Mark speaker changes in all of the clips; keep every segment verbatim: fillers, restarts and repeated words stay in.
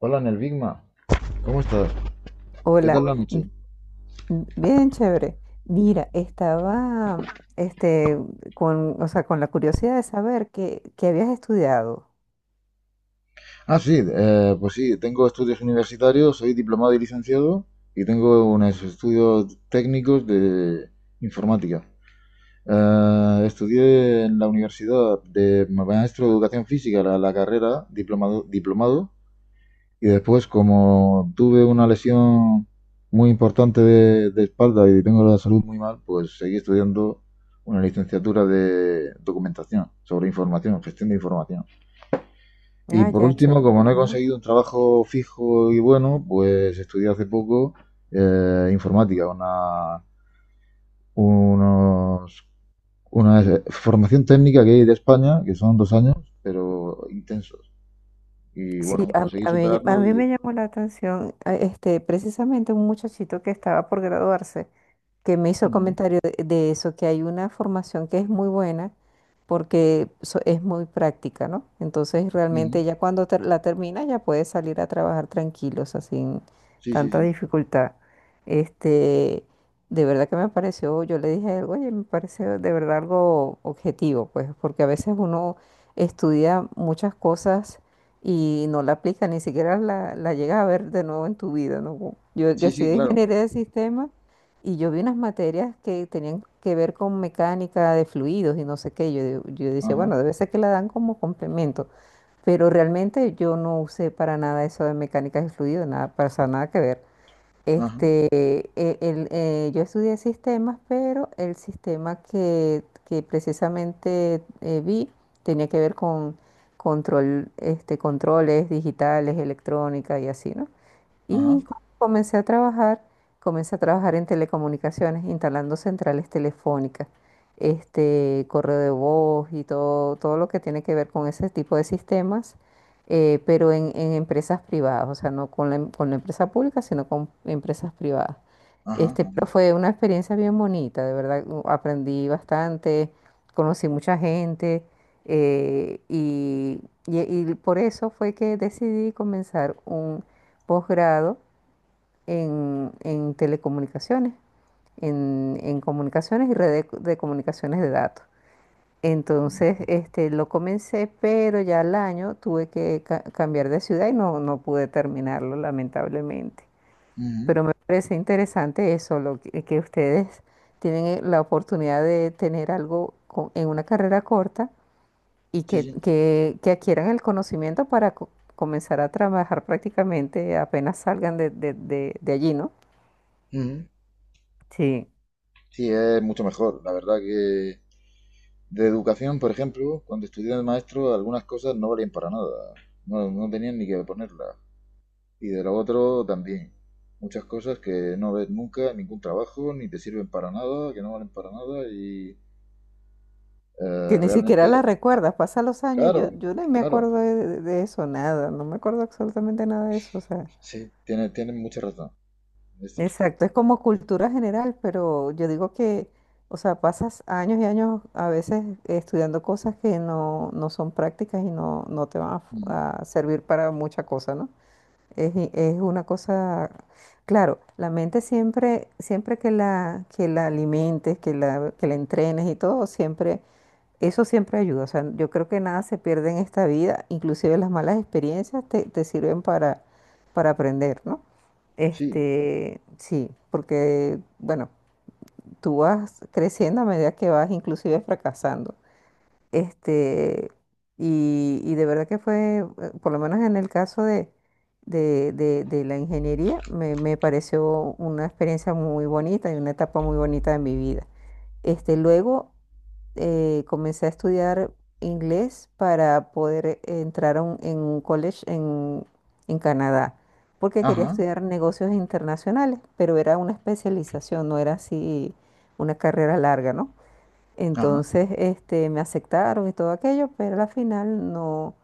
Speaker 1: Hola, en el Bigma. ¿Cómo estás? ¿Qué
Speaker 2: Hola,
Speaker 1: tal la noche?
Speaker 2: m- bien chévere. Mira, estaba este, con, o sea, con la curiosidad de saber qué, qué habías estudiado.
Speaker 1: Ah, sí, eh, pues sí, tengo estudios universitarios, soy diplomado y licenciado y tengo unos estudios técnicos de informática. Eh, estudié en la universidad de maestro de educación física la, la carrera, diplomado, diplomado, y después como tuve una lesión muy importante de, de espalda y tengo la salud muy mal, pues seguí estudiando una licenciatura de documentación sobre información, gestión de información. Y
Speaker 2: Ah,
Speaker 1: por
Speaker 2: ya,
Speaker 1: último,
Speaker 2: chévere.
Speaker 1: como no he
Speaker 2: Ajá.
Speaker 1: conseguido un trabajo fijo y bueno, pues estudié hace poco eh, informática, una, unos- una formación técnica que hay de España, que son dos años, pero intensos. Y
Speaker 2: Sí,
Speaker 1: bueno,
Speaker 2: a, mí,
Speaker 1: conseguí
Speaker 2: a mí- a
Speaker 1: superarlo
Speaker 2: mí
Speaker 1: y...
Speaker 2: me llamó la atención a- este, precisamente un muchachito que estaba por graduarse, que me hizo el
Speaker 1: Ujú,
Speaker 2: comentario de, de eso, que hay una formación que es muy buena, porque so- es muy práctica, ¿no? Entonces
Speaker 1: ujú.
Speaker 2: realmente ya cuando ter- la termina ya puedes salir a trabajar tranquilo, o sea, sin
Speaker 1: Sí, sí,
Speaker 2: tanta
Speaker 1: sí.
Speaker 2: dificultad. Este, de verdad que me pareció, yo le dije a él, oye, me pareció de verdad algo objetivo, pues, porque a veces uno estudia muchas cosas y no la aplica, ni siquiera la, la llega a ver de nuevo en tu vida, ¿no? Yo, yo
Speaker 1: Sí, sí,
Speaker 2: estudié
Speaker 1: claro.
Speaker 2: ingeniería de sistemas y yo vi unas materias que tenían que ver con mecánica de fluidos y no sé qué. Yo, digo- yo decía,
Speaker 1: Ajá,
Speaker 2: bueno, debe ser que la dan como complemento, pero realmente yo no usé para nada eso de mecánica de fluidos, nada, para eso nada que ver.
Speaker 1: ajá,
Speaker 2: Este, eh, el, eh, yo estudié sistemas, pero el sistema que, que precisamente eh, vi tenía que ver con control, este, controles digitales, electrónica y así, ¿no?
Speaker 1: ajá,
Speaker 2: Y co- comencé a trabajar, comencé a trabajar en telecomunicaciones, instalando centrales telefónicas, este, correo de voz y todo, todo lo que tiene que ver con ese tipo de sistemas, eh, pero en, en empresas privadas, o sea, no con la, em- con la empresa pública, sino con empresas privadas.
Speaker 1: ajá,
Speaker 2: Este, pero
Speaker 1: ajá.
Speaker 2: fue una experiencia bien bonita, de verdad, u- aprendí bastante, conocí mucha gente, eh, y, y y por eso fue que decidí comenzar un posgrado en, en telecomunicaciones, en, en comunicaciones y redes de, de comunicaciones de datos. Entonces, este, lo comencé, pero ya al año tuve que ca- cambiar de ciudad y no, no pude terminarlo, lamentablemente.
Speaker 1: Ujú.
Speaker 2: Pero me parece interesante eso, lo que, que ustedes tienen eh, la oportunidad de tener algo co- en una carrera corta y
Speaker 1: Sí,
Speaker 2: que,
Speaker 1: sí.
Speaker 2: que, que adquieran el conocimiento para co- comenzar a trabajar prácticamente apenas salgan de, de, de, de allí, ¿no?
Speaker 1: Ujú.
Speaker 2: Sí,
Speaker 1: Sí, es mucho mejor. La verdad que de educación, por ejemplo, cuando estudié de maestro, algunas cosas no valían para nada. No, no tenían ni que ponerlas. Y de lo otro también. Muchas cosas que no ves nunca en ningún trabajo, ni te sirven para nada, que no valen para nada. Y
Speaker 2: que
Speaker 1: eh,
Speaker 2: ni siquiera
Speaker 1: realmente,
Speaker 2: la recuerdas, pasan los años y yo,
Speaker 1: claro,
Speaker 2: yo no me
Speaker 1: claro.
Speaker 2: acuerdo de, de- de eso, nada, no me acuerdo absolutamente nada de eso, o sea,
Speaker 1: Sí, tienes tiene mucha razón. Es cierto.
Speaker 2: exacto, es como cultura general, pero yo digo que, o sea, pasas años y años a veces estudiando cosas que no, no son prácticas y no, no te van a, fu-
Speaker 1: Mm,
Speaker 2: a servir para mucha cosa, ¿no? Es, i- es una cosa, claro, la mente siempre, siempre que la, que la alimentes, que la, que la entrenes y todo, siempre eso siempre ayuda, o sea, yo creo que nada se pierde en esta vida, inclusive las malas experiencias te, te sirven para, para aprender, ¿no?
Speaker 1: sí.
Speaker 2: Este, sí, porque, bueno, tú vas creciendo a medida que vas inclusive fracasando. Este, y, y de verdad que fue, eh, por lo menos en el caso de, de, de- de la ingeniería, me, me pareció una experiencia muy bonita y una etapa muy bonita de mi vida. Este, luego eh, comencé a estudiar inglés para poder entrar a un- en un college en, en Canadá, porque quería
Speaker 1: Ajá,
Speaker 2: estudiar negocios internacionales, pero era una especialización, no era así una carrera larga, ¿no?
Speaker 1: ajá,
Speaker 2: Entonces, este, me aceptaron y todo aquello, pero al final no,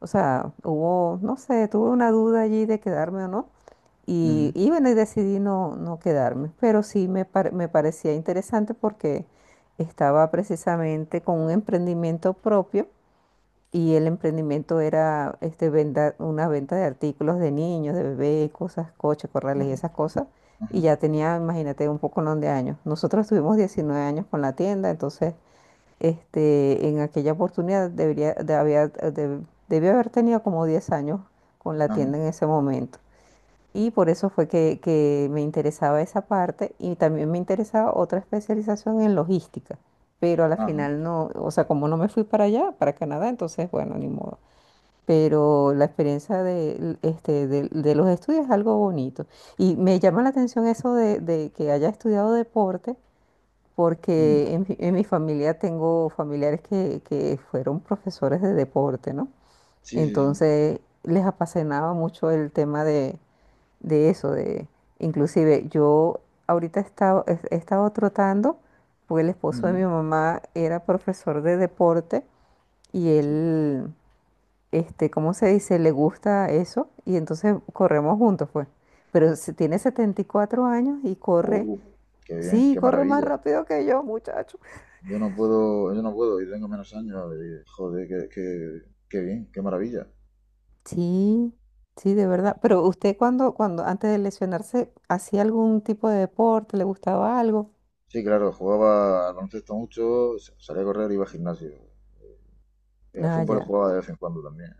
Speaker 2: o sea, hubo, no sé, tuve una duda allí de quedarme o no.
Speaker 1: ujú,
Speaker 2: Y, y bueno, y decidí no, no quedarme, pero sí me, par- me parecía interesante porque estaba precisamente con un emprendimiento propio y el emprendimiento era este, venda- una venta de artículos de niños, de bebés, cosas, coches, corrales y
Speaker 1: ajá,
Speaker 2: esas cosas. Y
Speaker 1: ajá,
Speaker 2: ya tenía, imagínate, un poco no de años. Nosotros tuvimos 19 años con la tienda. Entonces, este, en aquella oportunidad debería, de, había- de- debí haber tenido como diez años con la
Speaker 1: ajá,
Speaker 2: tienda en ese momento. Y por eso fue que, que me interesaba esa parte y también me interesaba otra especialización en logística, pero a la
Speaker 1: ajá.
Speaker 2: final no, o sea, como no me fui para allá, para Canadá, entonces, bueno, ni modo. Pero la experiencia de, este, de, de los estudios es algo bonito. Y me llama la atención eso de, de que haya estudiado deporte,
Speaker 1: Mm,
Speaker 2: porque en, mi en mi familia tengo familiares que, que fueron profesores de deporte, ¿no?
Speaker 1: sí, sí, sí.
Speaker 2: Entonces les apasionaba mucho el tema de de eso, de inclusive yo ahorita he estado, he estado trotando, porque el esposo de mi
Speaker 1: Ujú,
Speaker 2: mamá era profesor de deporte y
Speaker 1: sí.
Speaker 2: él, este, ¿cómo se dice? Le gusta eso y entonces corremos juntos, pues. Pero se- tiene setenta y cuatro años y corre,
Speaker 1: Oh, qué bien,
Speaker 2: sí,
Speaker 1: qué
Speaker 2: corre más
Speaker 1: maravilla.
Speaker 2: rápido que yo, muchacho.
Speaker 1: Yo no puedo, yo no puedo, y tengo menos años. Y joder, qué, qué, qué bien, qué maravilla.
Speaker 2: Sí, sí, de verdad. Pero usted, cuando, cuando antes de lesionarse, ¿hacía algún tipo de deporte? ¿Le gustaba algo?
Speaker 1: Sí, claro, jugaba al baloncesto mucho, sa- salía a correr, iba al gimnasio. Eh, al
Speaker 2: Ah,
Speaker 1: fútbol
Speaker 2: ya.
Speaker 1: jugaba de vez en cuando también.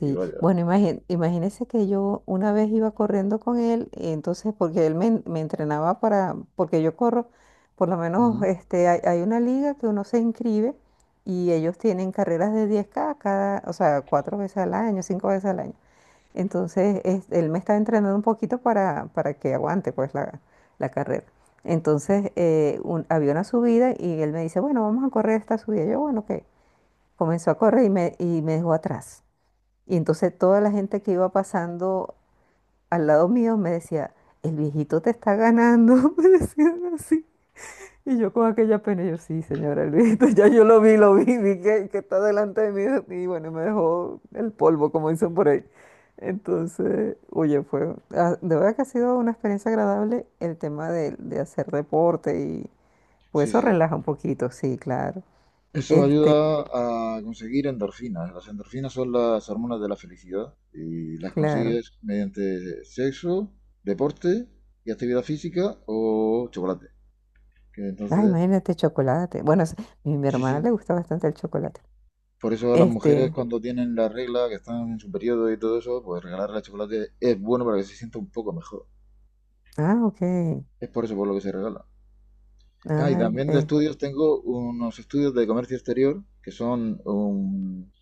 Speaker 1: Y vaya.
Speaker 2: bueno, imagín- imagínese que yo una vez iba corriendo con él, entonces, porque él me, en- me entrenaba para, porque yo corro, por lo menos,
Speaker 1: Ujú.
Speaker 2: este, hay, hay una liga que uno se inscribe y ellos tienen carreras de diez k cada, o sea, cuatro veces al año, cinco veces al año. Entonces, es- él me está entrenando un poquito para, para que aguante pues la, la carrera. Entonces, eh, un- había una subida y él me dice, bueno, vamos a correr esta subida. Yo, bueno, ok. Comenzó a correr y me, y me dejó atrás. Y entonces toda la gente que iba pasando al lado mío me decía: el viejito te está ganando, me decían así. Y yo con aquella pena, yo: sí, señora, el viejito, ya yo lo vi, lo vi, vi que, que está delante de mí y bueno, me dejó el polvo, como dicen por ahí. Entonces, oye, fue, ah, de verdad que ha sido una experiencia agradable el tema de, de hacer deporte y pues
Speaker 1: Sí,
Speaker 2: eso
Speaker 1: sí.
Speaker 2: relaja un poquito, sí, claro.
Speaker 1: Eso ayuda
Speaker 2: Este,
Speaker 1: a conseguir endorfinas. Las endorfinas son las hormonas de la felicidad y las
Speaker 2: claro.
Speaker 1: consigues mediante sexo, deporte y actividad física o chocolate. Que
Speaker 2: Ay,
Speaker 1: entonces,
Speaker 2: imagínate, chocolate. Bueno, es- mi, mi
Speaker 1: sí,
Speaker 2: hermana
Speaker 1: sí.
Speaker 2: le gusta bastante el chocolate.
Speaker 1: Por eso las mujeres
Speaker 2: Este,
Speaker 1: cuando tienen la regla, que están en su periodo y todo eso, pues regalarle chocolate es bueno para que se sienta un poco mejor.
Speaker 2: ah, ok.
Speaker 1: Es por eso por lo que se regala. Ah, y
Speaker 2: Ah,
Speaker 1: también de
Speaker 2: eh,
Speaker 1: estudios tengo unos estudios de comercio exterior, que son un,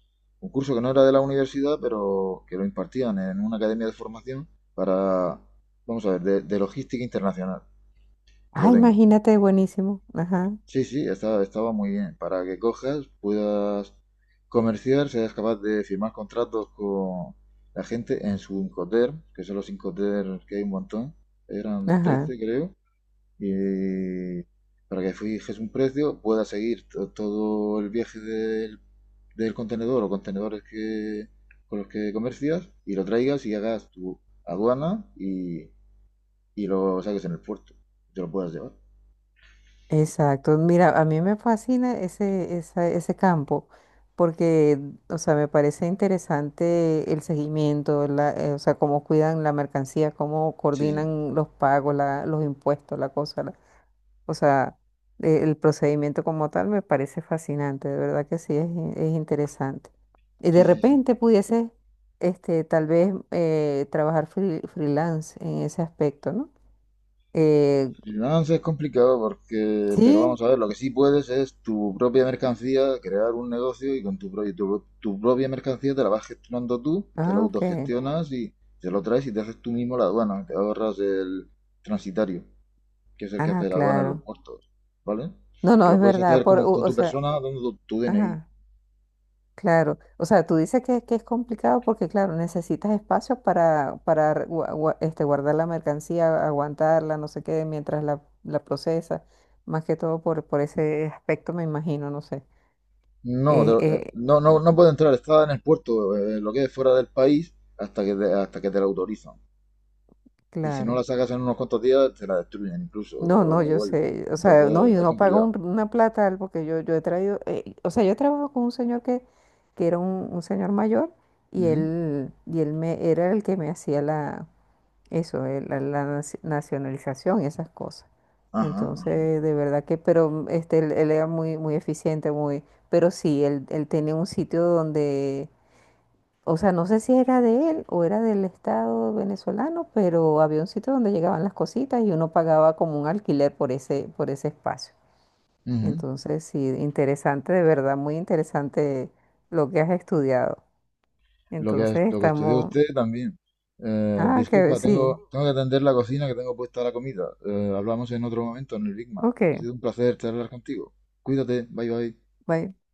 Speaker 1: un curso que no era de la universidad, pero que lo impartían en una academia de formación para, vamos a ver, de, de logística internacional, que
Speaker 2: ah,
Speaker 1: lo tengo.
Speaker 2: ¡Imagínate, buenísimo! Ajá,
Speaker 1: Sí, sí, estaba, estaba muy bien. Para que cojas, puedas comerciar, seas capaz de firmar contratos con la gente en su Incoterm, que son los Incoterms que hay un montón, eran
Speaker 2: ajá.
Speaker 1: trece creo, y para que fijes un precio, puedas seguir to- todo el viaje del, del contenedor o contenedores que, con los que comercias y lo traigas y hagas tu aduana y, y lo saques en el puerto, y te lo puedas llevar.
Speaker 2: Exacto. Mira, a mí me fascina ese, esa- ese campo porque, o sea, me parece interesante el seguimiento, la, eh, o sea, cómo cuidan la mercancía, cómo
Speaker 1: Sí,
Speaker 2: coordinan los pagos, la- los impuestos, la cosa. O sea, eh, el procedimiento como tal me parece fascinante, de verdad que sí, es, in- es interesante. Y de
Speaker 1: sí, sí, sí, sí.
Speaker 2: repente pudiese, este, tal vez, eh, trabajar free- freelance en ese aspecto, ¿no? Eh,
Speaker 1: Freelance es complicado porque, pero
Speaker 2: sí,
Speaker 1: vamos a ver, lo que sí puedes es tu propia mercancía, crear un negocio y con tu, pro- tu, tu propia mercancía te la vas gestionando tú, te la
Speaker 2: ah, ok,
Speaker 1: autogestionas y te lo traes y te haces tú mismo la aduana, te ahorras el transitario, que es el que
Speaker 2: ah,
Speaker 1: hace la aduana en los
Speaker 2: claro.
Speaker 1: puertos, ¿vale?
Speaker 2: No,
Speaker 1: Que
Speaker 2: no, es
Speaker 1: lo puedes
Speaker 2: verdad,
Speaker 1: hacer
Speaker 2: por,
Speaker 1: como
Speaker 2: u-
Speaker 1: con
Speaker 2: o
Speaker 1: tu
Speaker 2: sea,
Speaker 1: persona dando tu, tu D N I.
Speaker 2: ajá. Claro, o sea, tú dices que, que es complicado porque, claro, necesitas espacios para, para re- gua- gua- este, guardar la mercancía, aguantarla, no sé qué, mientras la, la procesa, más que todo por, por ese aspecto, me imagino, no sé.
Speaker 1: No, te
Speaker 2: Eh,
Speaker 1: lo- eh,
Speaker 2: eh,
Speaker 1: no, no, no puede entrar, está en el puerto, eh, lo que es fuera del país, hasta que te- hasta que te lo autorizan. Y si no
Speaker 2: claro.
Speaker 1: la sacas en unos cuantos días, te la destruyen incluso,
Speaker 2: No,
Speaker 1: o la
Speaker 2: no, yo
Speaker 1: devuelven.
Speaker 2: sé, o sea, no,
Speaker 1: Entonces
Speaker 2: yo
Speaker 1: es
Speaker 2: no pago
Speaker 1: complicado.
Speaker 2: un- una plata al- porque yo, yo he traído, eh, o sea, yo trabajo con un señor que, que era un, un señor mayor y
Speaker 1: Ujú.
Speaker 2: él, y él me, era el que me hacía la. Eso, eh, la, la naci- nacionalización y esas cosas.
Speaker 1: Ajá, ajá.
Speaker 2: Entonces, de verdad que, pero mm, este, él, él era muy, muy eficiente, muy, pero sí, él, él tenía un sitio donde, o sea, no sé si era de él o era del Estado venezolano, pero había un sitio donde llegaban las cositas y uno pagaba como un alquiler por ese, por ese espacio.
Speaker 1: Ujú.
Speaker 2: Entonces, sí, interesante, de verdad, muy interesante lo que has estudiado.
Speaker 1: Lo que, es-
Speaker 2: Entonces,
Speaker 1: lo que estudió
Speaker 2: estamos,
Speaker 1: usted también. Eh,
Speaker 2: ah, que
Speaker 1: disculpa,
Speaker 2: sí,
Speaker 1: tengo, tengo que atender la cocina que tengo puesta la comida. Eh, hablamos en otro momento en el Big Mac.
Speaker 2: ok,
Speaker 1: Ha sido un placer charlar contigo. Cuídate, bye bye.
Speaker 2: bye.